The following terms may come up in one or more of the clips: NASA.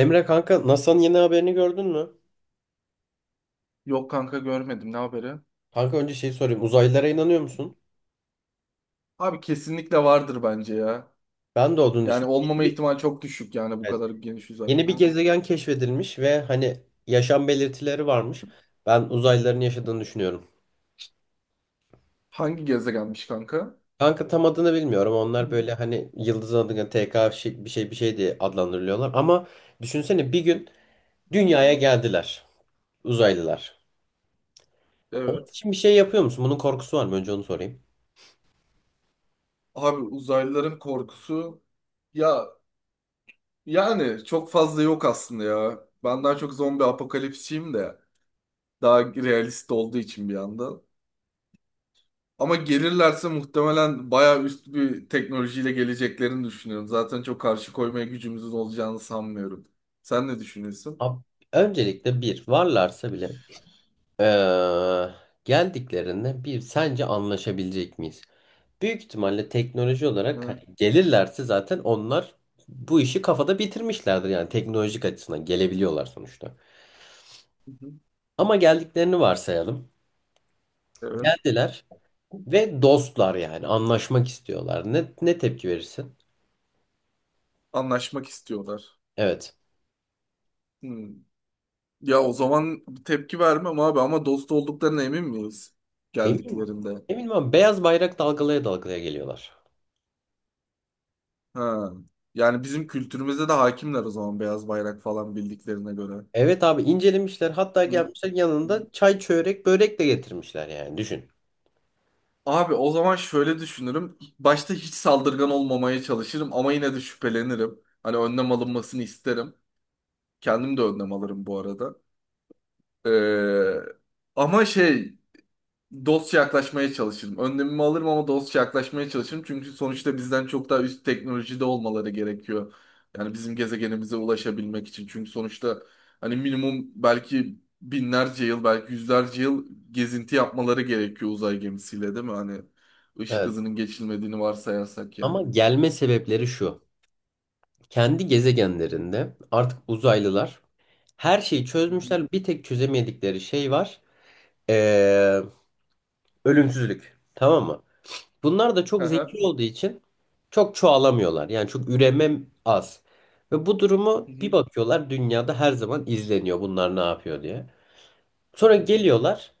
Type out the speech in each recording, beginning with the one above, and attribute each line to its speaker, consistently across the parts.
Speaker 1: Emre kanka NASA'nın yeni haberini gördün mü?
Speaker 2: Yok kanka görmedim. Ne haberi?
Speaker 1: Kanka önce şey sorayım. Uzaylılara inanıyor musun?
Speaker 2: Abi kesinlikle vardır bence ya.
Speaker 1: Ben de olduğunu
Speaker 2: Yani
Speaker 1: düşünüyorum. Yeni
Speaker 2: olmama
Speaker 1: bir,
Speaker 2: ihtimali çok düşük yani bu
Speaker 1: evet,
Speaker 2: kadar geniş uzay.
Speaker 1: yeni bir
Speaker 2: Ha?
Speaker 1: gezegen keşfedilmiş ve hani yaşam belirtileri varmış. Ben uzaylıların yaşadığını düşünüyorum.
Speaker 2: Hangi gezegenmiş kanka?
Speaker 1: Kanka tam adını bilmiyorum. Onlar
Speaker 2: Hı.
Speaker 1: böyle hani yıldız adına TK bir şey bir şey diye adlandırılıyorlar. Ama düşünsene bir gün dünyaya geldiler uzaylılar. Onun
Speaker 2: Evet.
Speaker 1: için bir şey yapıyor musun? Bunun korkusu var mı? Önce onu sorayım.
Speaker 2: Abi uzaylıların korkusu ya yani çok fazla yok aslında ya. Ben daha çok zombi apokalipsçiyim de daha realist olduğu için bir yandan. Ama gelirlerse muhtemelen bayağı üst bir teknolojiyle geleceklerini düşünüyorum. Zaten çok karşı koymaya gücümüzün olacağını sanmıyorum. Sen ne düşünüyorsun?
Speaker 1: Ab- Öncelikle bir varlarsa bile, Ee, geldiklerinde bir sence anlaşabilecek miyiz? Büyük ihtimalle teknoloji olarak hani
Speaker 2: Hı.
Speaker 1: gelirlerse zaten onlar bu işi kafada bitirmişlerdir, yani teknolojik açısından gelebiliyorlar sonuçta.
Speaker 2: Hı hı.
Speaker 1: Ama geldiklerini varsayalım.
Speaker 2: Evet.
Speaker 1: Geldiler ve dostlar, yani anlaşmak istiyorlar. Ne tepki verirsin?
Speaker 2: Anlaşmak istiyorlar.
Speaker 1: Evet.
Speaker 2: Hmm. Ya o zaman tepki vermem abi ama dost olduklarına emin miyiz
Speaker 1: Emin.
Speaker 2: geldiklerinde?
Speaker 1: Emin ama beyaz bayrak dalgalaya dalgalaya geliyorlar.
Speaker 2: Ha. Yani bizim kültürümüze de hakimler o zaman beyaz bayrak falan bildiklerine göre.
Speaker 1: Evet abi, incelemişler, hatta
Speaker 2: Hı?
Speaker 1: gelmişler
Speaker 2: Hı.
Speaker 1: yanında çay çörek börek de getirmişler yani düşün.
Speaker 2: Abi o zaman şöyle düşünürüm. Başta hiç saldırgan olmamaya çalışırım ama yine de şüphelenirim. Hani önlem alınmasını isterim. Kendim de önlem alırım bu arada. Ee, ama şey dostça yaklaşmaya çalışırım. Önlemimi alırım ama dostça yaklaşmaya çalışırım. Çünkü sonuçta bizden çok daha üst teknolojide olmaları gerekiyor. Yani bizim gezegenimize ulaşabilmek için. Çünkü sonuçta hani minimum belki binlerce yıl, belki yüzlerce yıl gezinti yapmaları gerekiyor uzay gemisiyle değil mi? Hani ışık
Speaker 1: Evet.
Speaker 2: hızının geçilmediğini varsayarsak
Speaker 1: Ama
Speaker 2: yani.
Speaker 1: gelme sebepleri şu. Kendi gezegenlerinde artık uzaylılar her şeyi
Speaker 2: Hı hı.
Speaker 1: çözmüşler. Bir tek çözemedikleri şey var. Ee, Ölümsüzlük. Tamam mı? Bunlar da çok
Speaker 2: Aha.
Speaker 1: zeki olduğu için çok çoğalamıyorlar. Yani çok üreme az. Ve bu durumu
Speaker 2: Hı
Speaker 1: bir
Speaker 2: hı.
Speaker 1: bakıyorlar, dünyada her zaman izleniyor bunlar ne yapıyor diye. Sonra
Speaker 2: Hı hı.
Speaker 1: geliyorlar,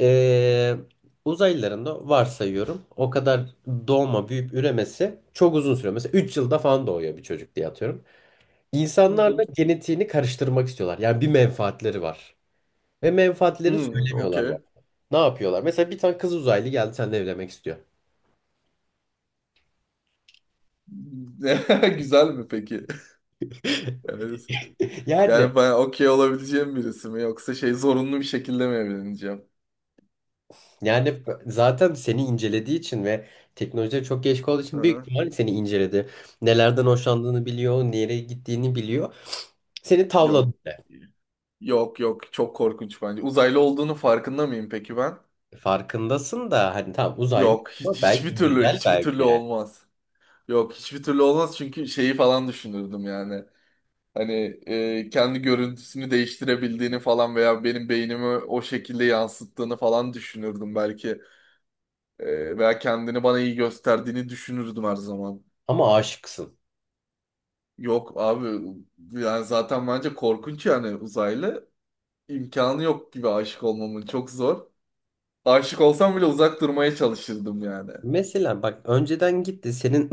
Speaker 1: ee, uzaylıların da varsayıyorum o kadar doğma büyüyüp üremesi çok uzun sürüyor. Mesela 3 yılda falan doğuyor bir çocuk diye atıyorum.
Speaker 2: Hı
Speaker 1: İnsanlarla
Speaker 2: hı.
Speaker 1: genetiğini karıştırmak istiyorlar. Yani bir menfaatleri var. Ve menfaatlerini
Speaker 2: Hmm,
Speaker 1: söylemiyorlar bak.
Speaker 2: okey.
Speaker 1: Ne yapıyorlar? Mesela bir tane kız uzaylı geldi, seninle evlenmek istiyor.
Speaker 2: Güzel mi peki? Evet.
Speaker 1: Yani
Speaker 2: Yani bana okey olabileceğim birisi mi yoksa şey zorunlu bir şekilde mi evleneceğim?
Speaker 1: yani zaten seni incelediği için ve teknolojiye çok geç olduğu için büyük
Speaker 2: Hı?
Speaker 1: ihtimalle seni inceledi. Nelerden hoşlandığını biliyor, nereye gittiğini biliyor. Seni tavladı.
Speaker 2: Yok.
Speaker 1: bile.
Speaker 2: Yok yok çok korkunç bence. Uzaylı olduğunu farkında mıyım peki ben?
Speaker 1: Farkındasın da hani tamam uzaylı
Speaker 2: Yok hiç,
Speaker 1: ama belki
Speaker 2: hiçbir türlü
Speaker 1: güzel
Speaker 2: hiçbir
Speaker 1: belki
Speaker 2: türlü
Speaker 1: yani.
Speaker 2: olmaz. Yok hiçbir türlü olmaz çünkü şeyi falan düşünürdüm yani. Hani kendi görüntüsünü değiştirebildiğini falan veya benim beynimi o şekilde yansıttığını falan düşünürdüm belki. Veya kendini bana iyi gösterdiğini düşünürdüm her zaman.
Speaker 1: Ama aşıksın.
Speaker 2: Yok abi yani zaten bence korkunç yani uzaylı. İmkanı yok gibi aşık olmamın çok zor. Aşık olsam bile uzak durmaya çalışırdım yani.
Speaker 1: Mesela bak, önceden gitti senin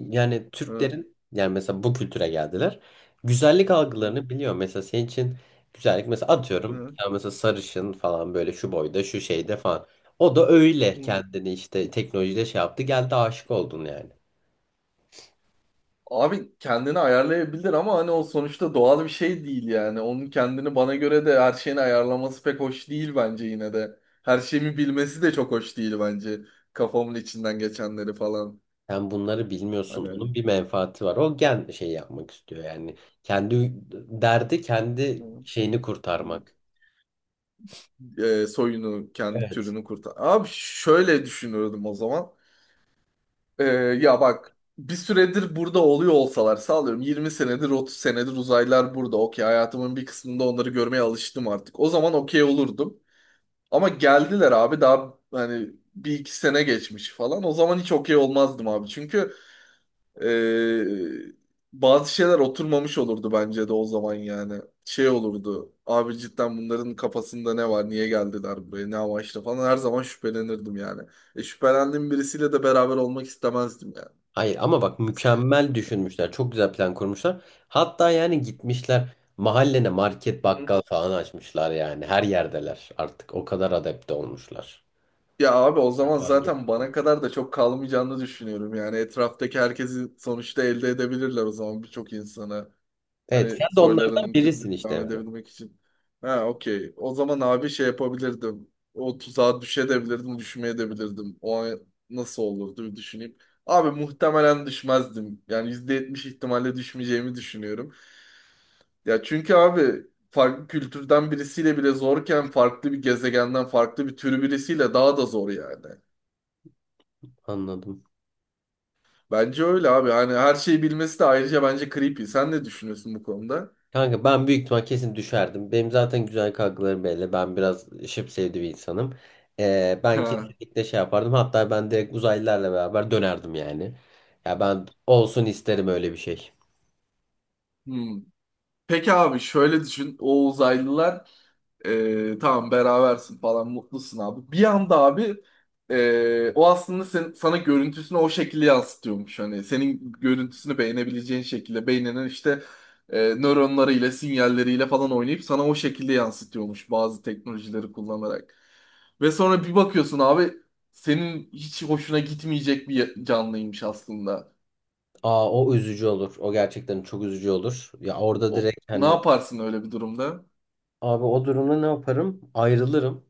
Speaker 1: yani
Speaker 2: Hı,
Speaker 1: Türklerin, yani mesela bu kültüre geldiler. Güzellik
Speaker 2: hı,
Speaker 1: algılarını biliyor. Mesela senin için güzellik, mesela atıyorum
Speaker 2: hı,
Speaker 1: ya, mesela sarışın falan, böyle şu boyda şu şeyde falan. O da öyle
Speaker 2: hı.
Speaker 1: kendini işte teknolojide şey yaptı, geldi, aşık oldun yani.
Speaker 2: Abi kendini ayarlayabilir ama hani o sonuçta doğal bir şey değil yani. Onun kendini bana göre de her şeyini ayarlaması pek hoş değil bence yine de. Her şeyimi bilmesi de çok hoş değil bence. Kafamın içinden geçenleri falan.
Speaker 1: Sen bunları bilmiyorsun.
Speaker 2: Hani,
Speaker 1: Onun bir menfaati var. O gen şey yapmak istiyor yani. Kendi derdi
Speaker 2: hı,
Speaker 1: kendi şeyini
Speaker 2: hı.
Speaker 1: kurtarmak.
Speaker 2: Soyunu, kendi
Speaker 1: Evet.
Speaker 2: türünü kurtar. Abi şöyle düşünürdüm o zaman. E, ya bak bir süredir burada oluyor olsalar sağlıyorum 20 senedir 30 senedir uzaylılar burada. Okey hayatımın bir kısmında onları görmeye alıştım artık. O zaman okey olurdum. Ama geldiler abi daha hani bir iki sene geçmiş falan. O zaman hiç okey olmazdım abi. Çünkü ee, bazı şeyler oturmamış olurdu bence de o zaman yani. Şey olurdu. Abi cidden bunların kafasında ne var? Niye geldiler buraya? Ne amaçla falan. Her zaman şüphelenirdim yani. Şüphelendiğim birisiyle de beraber olmak istemezdim yani.
Speaker 1: Hayır ama bak, mükemmel düşünmüşler. Çok güzel plan kurmuşlar. Hatta yani gitmişler mahallene market
Speaker 2: Hı.
Speaker 1: bakkal falan açmışlar yani. Her yerdeler artık. O kadar adapte olmuşlar.
Speaker 2: Ya abi o zaman
Speaker 1: Hangi-
Speaker 2: zaten bana kadar da çok kalmayacağını düşünüyorum. Yani etraftaki herkesi sonuçta elde edebilirler o zaman birçok insanı.
Speaker 1: Evet, sen
Speaker 2: Hani
Speaker 1: de onlardan
Speaker 2: soylarını Türk
Speaker 1: birisin işte
Speaker 2: devam
Speaker 1: Emre.
Speaker 2: edebilmek için. Ha okey. O zaman abi şey yapabilirdim. O tuzağa düşebilirdim, düşmeyebilirdim. O an nasıl olurdu bir düşüneyim. Abi muhtemelen düşmezdim. Yani %70 ihtimalle düşmeyeceğimi düşünüyorum. Ya çünkü abi farklı kültürden birisiyle bile zorken farklı bir gezegenden farklı bir türü birisiyle daha da zor yani.
Speaker 1: Anladım.
Speaker 2: Bence öyle abi. Hani her şeyi bilmesi de ayrıca bence creepy. Sen ne düşünüyorsun bu konuda?
Speaker 1: Kanka ben büyük ihtimal kesin düşerdim. Benim zaten güzel kaygılarım belli. Ben biraz şıp bir insanım. Ben
Speaker 2: Ha.
Speaker 1: kesinlikle şey yapardım. Hatta ben direkt uzaylılarla beraber dönerdim yani. Ya ben olsun isterim öyle bir şey.
Speaker 2: Hmm. Peki abi şöyle düşün. O uzaylılar tamam berabersin falan mutlusun abi. Bir anda abi o aslında sen, sana görüntüsünü o şekilde yansıtıyormuş. Hani senin görüntüsünü beğenebileceğin şekilde beyninin işte nöronlarıyla sinyalleriyle falan oynayıp sana o şekilde yansıtıyormuş bazı teknolojileri kullanarak. Ve sonra bir bakıyorsun abi senin hiç hoşuna gitmeyecek bir canlıymış aslında.
Speaker 1: Aa, o üzücü olur. O gerçekten çok üzücü olur. Ya orada
Speaker 2: O,
Speaker 1: direkt
Speaker 2: ne
Speaker 1: hani,
Speaker 2: yaparsın öyle bir durumda?
Speaker 1: abi o durumda ne yaparım? Ayrılırım.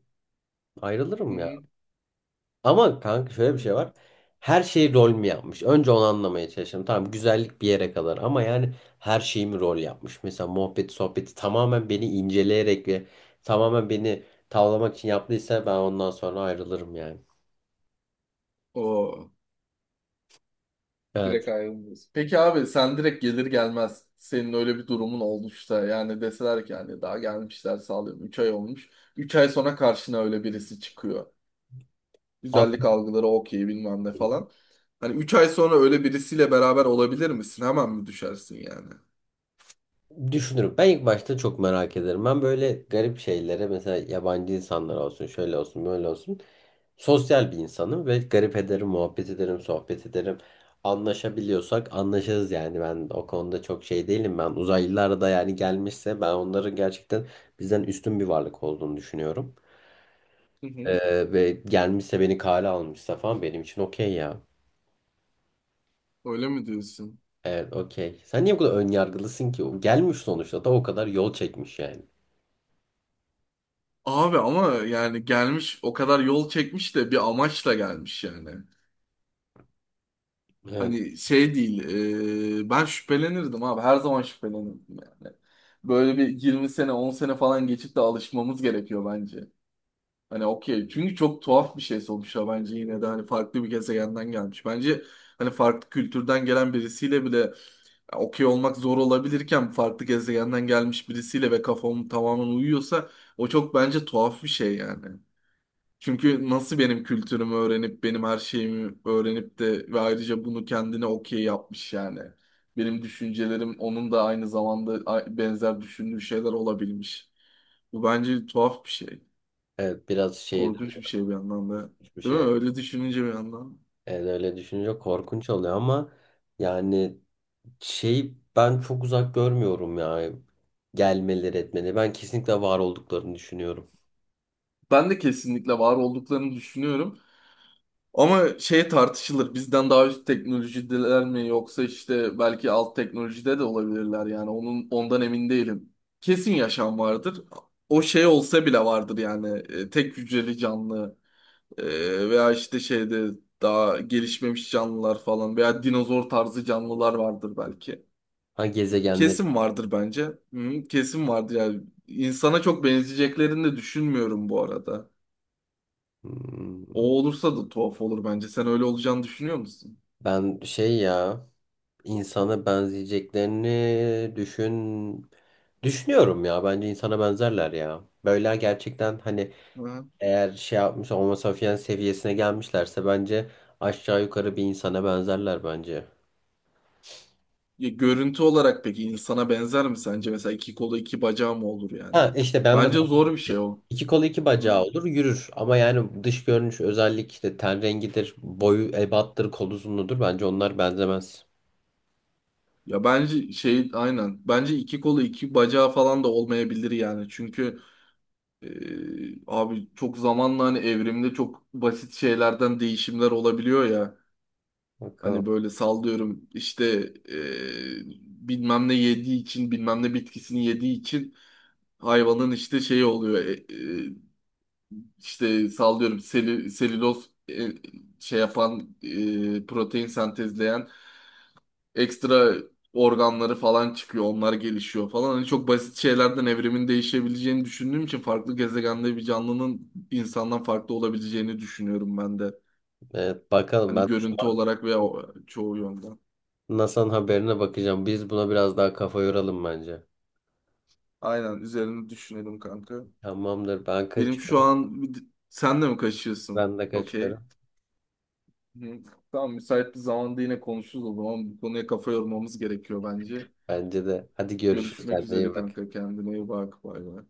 Speaker 1: Ayrılırım ya.
Speaker 2: Hı
Speaker 1: Ama kanka şöyle bir
Speaker 2: hı.
Speaker 1: şey var. Her şeyi rol mü yapmış? Önce onu anlamaya çalıştım. Tamam, güzellik bir yere kadar ama yani her şeyi mi rol yapmış? Mesela muhabbeti sohbeti tamamen beni inceleyerek ve tamamen beni tavlamak için yaptıysa, ben ondan sonra ayrılırım yani.
Speaker 2: O. Direkt
Speaker 1: Evet.
Speaker 2: ayrılmıyorsun. Peki abi sen direkt gelir gelmez senin öyle bir durumun olmuşsa yani deseler ki yani daha gelmişler sağlıyorum 3 ay olmuş. Üç ay sonra karşına öyle birisi çıkıyor.
Speaker 1: Abi.
Speaker 2: Güzellik algıları okey bilmem ne falan. Hani 3 ay sonra öyle birisiyle beraber olabilir misin? Hemen mi düşersin yani?
Speaker 1: Düşünürüm. Ben ilk başta çok merak ederim. Ben böyle garip şeylere, mesela yabancı insanlar olsun, şöyle olsun, böyle olsun. Sosyal bir insanım ve garip ederim, muhabbet ederim, sohbet ederim. Anlaşabiliyorsak anlaşırız yani. Ben o konuda çok şey değilim. Ben uzaylılar da yani gelmişse, ben onların gerçekten bizden üstün bir varlık olduğunu düşünüyorum.
Speaker 2: Hı hı.
Speaker 1: Ve gelmişse, beni kale almışsa falan, benim için okey ya.
Speaker 2: Öyle mi diyorsun?
Speaker 1: Evet, okey. Sen niye bu kadar ön yargılısın ki? O gelmiş sonuçta, da o kadar yol çekmiş yani.
Speaker 2: Abi ama yani gelmiş o kadar yol çekmiş de bir amaçla gelmiş yani.
Speaker 1: Evet.
Speaker 2: Hani şey değil, ben şüphelenirdim abi. Her zaman şüphelenirdim yani. Böyle bir 20 sene, 10 sene falan geçip de alışmamız gerekiyor bence. Hani okey. Çünkü çok tuhaf bir şey sonuçta bence yine de hani farklı bir gezegenden gelmiş. Bence hani farklı kültürden gelen birisiyle bile okey olmak zor olabilirken farklı gezegenden gelmiş birisiyle ve kafam tamamen uyuyorsa o çok bence tuhaf bir şey yani. Çünkü nasıl benim kültürümü öğrenip benim her şeyimi öğrenip de ve ayrıca bunu kendine okey yapmış yani. Benim düşüncelerim onun da aynı zamanda benzer düşündüğü şeyler olabilmiş. Bu bence tuhaf bir şey.
Speaker 1: Evet biraz şey duruyor
Speaker 2: Korkunç bir şey bir yandan da.
Speaker 1: bir
Speaker 2: Değil mi?
Speaker 1: şey.
Speaker 2: Öyle düşününce bir yandan.
Speaker 1: Evet, öyle düşününce korkunç oluyor ama yani şey, ben çok uzak görmüyorum ya gelmeleri etmeleri. Ben kesinlikle var olduklarını düşünüyorum.
Speaker 2: Ben de kesinlikle var olduklarını düşünüyorum. Ama şey tartışılır. Bizden daha üst teknolojideler mi yoksa işte belki alt teknolojide de olabilirler yani. Onun ondan emin değilim. Kesin yaşam vardır. O şey olsa bile vardır yani. Tek hücreli canlı veya işte şeyde daha gelişmemiş canlılar falan veya dinozor tarzı canlılar vardır belki.
Speaker 1: Ha, gezegenleri.
Speaker 2: Kesin vardır bence. Hı, kesin vardır yani. İnsana çok benzeyeceklerini de düşünmüyorum bu arada. O
Speaker 1: Hmm,
Speaker 2: olursa da tuhaf olur bence. Sen öyle olacağını düşünüyor musun?
Speaker 1: Ben şey ya, insana benzeyeceklerini düşünüyorum ya, bence insana benzerler ya. Böyle gerçekten hani,
Speaker 2: Hı.
Speaker 1: eğer şey yapmış Homo sapiens seviyesine gelmişlerse, bence aşağı yukarı bir insana benzerler bence.
Speaker 2: Ya görüntü olarak peki insana benzer mi sence? Mesela iki kolu iki bacağı mı olur yani?
Speaker 1: Ha işte, ben de
Speaker 2: Bence
Speaker 1: bahsettiğim
Speaker 2: zor bir şey
Speaker 1: şey.
Speaker 2: o.
Speaker 1: İki kolu iki
Speaker 2: Hı.
Speaker 1: bacağı olur, yürür, ama yani dış görünüş özellik, işte ten rengidir, boyu ebattır, kol uzunluğudur, bence onlar benzemez.
Speaker 2: Ya bence şey aynen. Bence iki kolu iki bacağı falan da olmayabilir yani. Çünkü e, abi çok zamanla hani evrimde çok basit şeylerden değişimler olabiliyor ya. Hani
Speaker 1: Bakalım.
Speaker 2: böyle sallıyorum işte e, bilmem ne yediği için bilmem ne bitkisini yediği için hayvanın işte şeyi oluyor. İşte sallıyorum seli, selüloz şey yapan protein sentezleyen ekstra organları falan çıkıyor. Onlar gelişiyor falan. Hani çok basit şeylerden evrimin değişebileceğini düşündüğüm için farklı gezegende bir canlının insandan farklı olabileceğini düşünüyorum ben de.
Speaker 1: Evet, bakalım,
Speaker 2: Hani
Speaker 1: ben şu
Speaker 2: görüntü
Speaker 1: an
Speaker 2: olarak veya çoğu yönden.
Speaker 1: NASA'nın haberine bakacağım. Biz buna biraz daha kafa yoralım bence.
Speaker 2: Aynen üzerine düşünelim kanka.
Speaker 1: Tamamdır, ben
Speaker 2: Benim şu
Speaker 1: kaçıyorum.
Speaker 2: an sen de mi kaçıyorsun?
Speaker 1: Ben de
Speaker 2: Okey.
Speaker 1: kaçıyorum.
Speaker 2: Hı. Tamam müsait bir zamanda yine konuşuruz o zaman. Bu konuya kafa yormamız gerekiyor bence.
Speaker 1: Bence de. Hadi görüşürüz,
Speaker 2: Görüşmek
Speaker 1: kendine
Speaker 2: üzere
Speaker 1: iyi bak.
Speaker 2: kanka kendine iyi bak bay bay.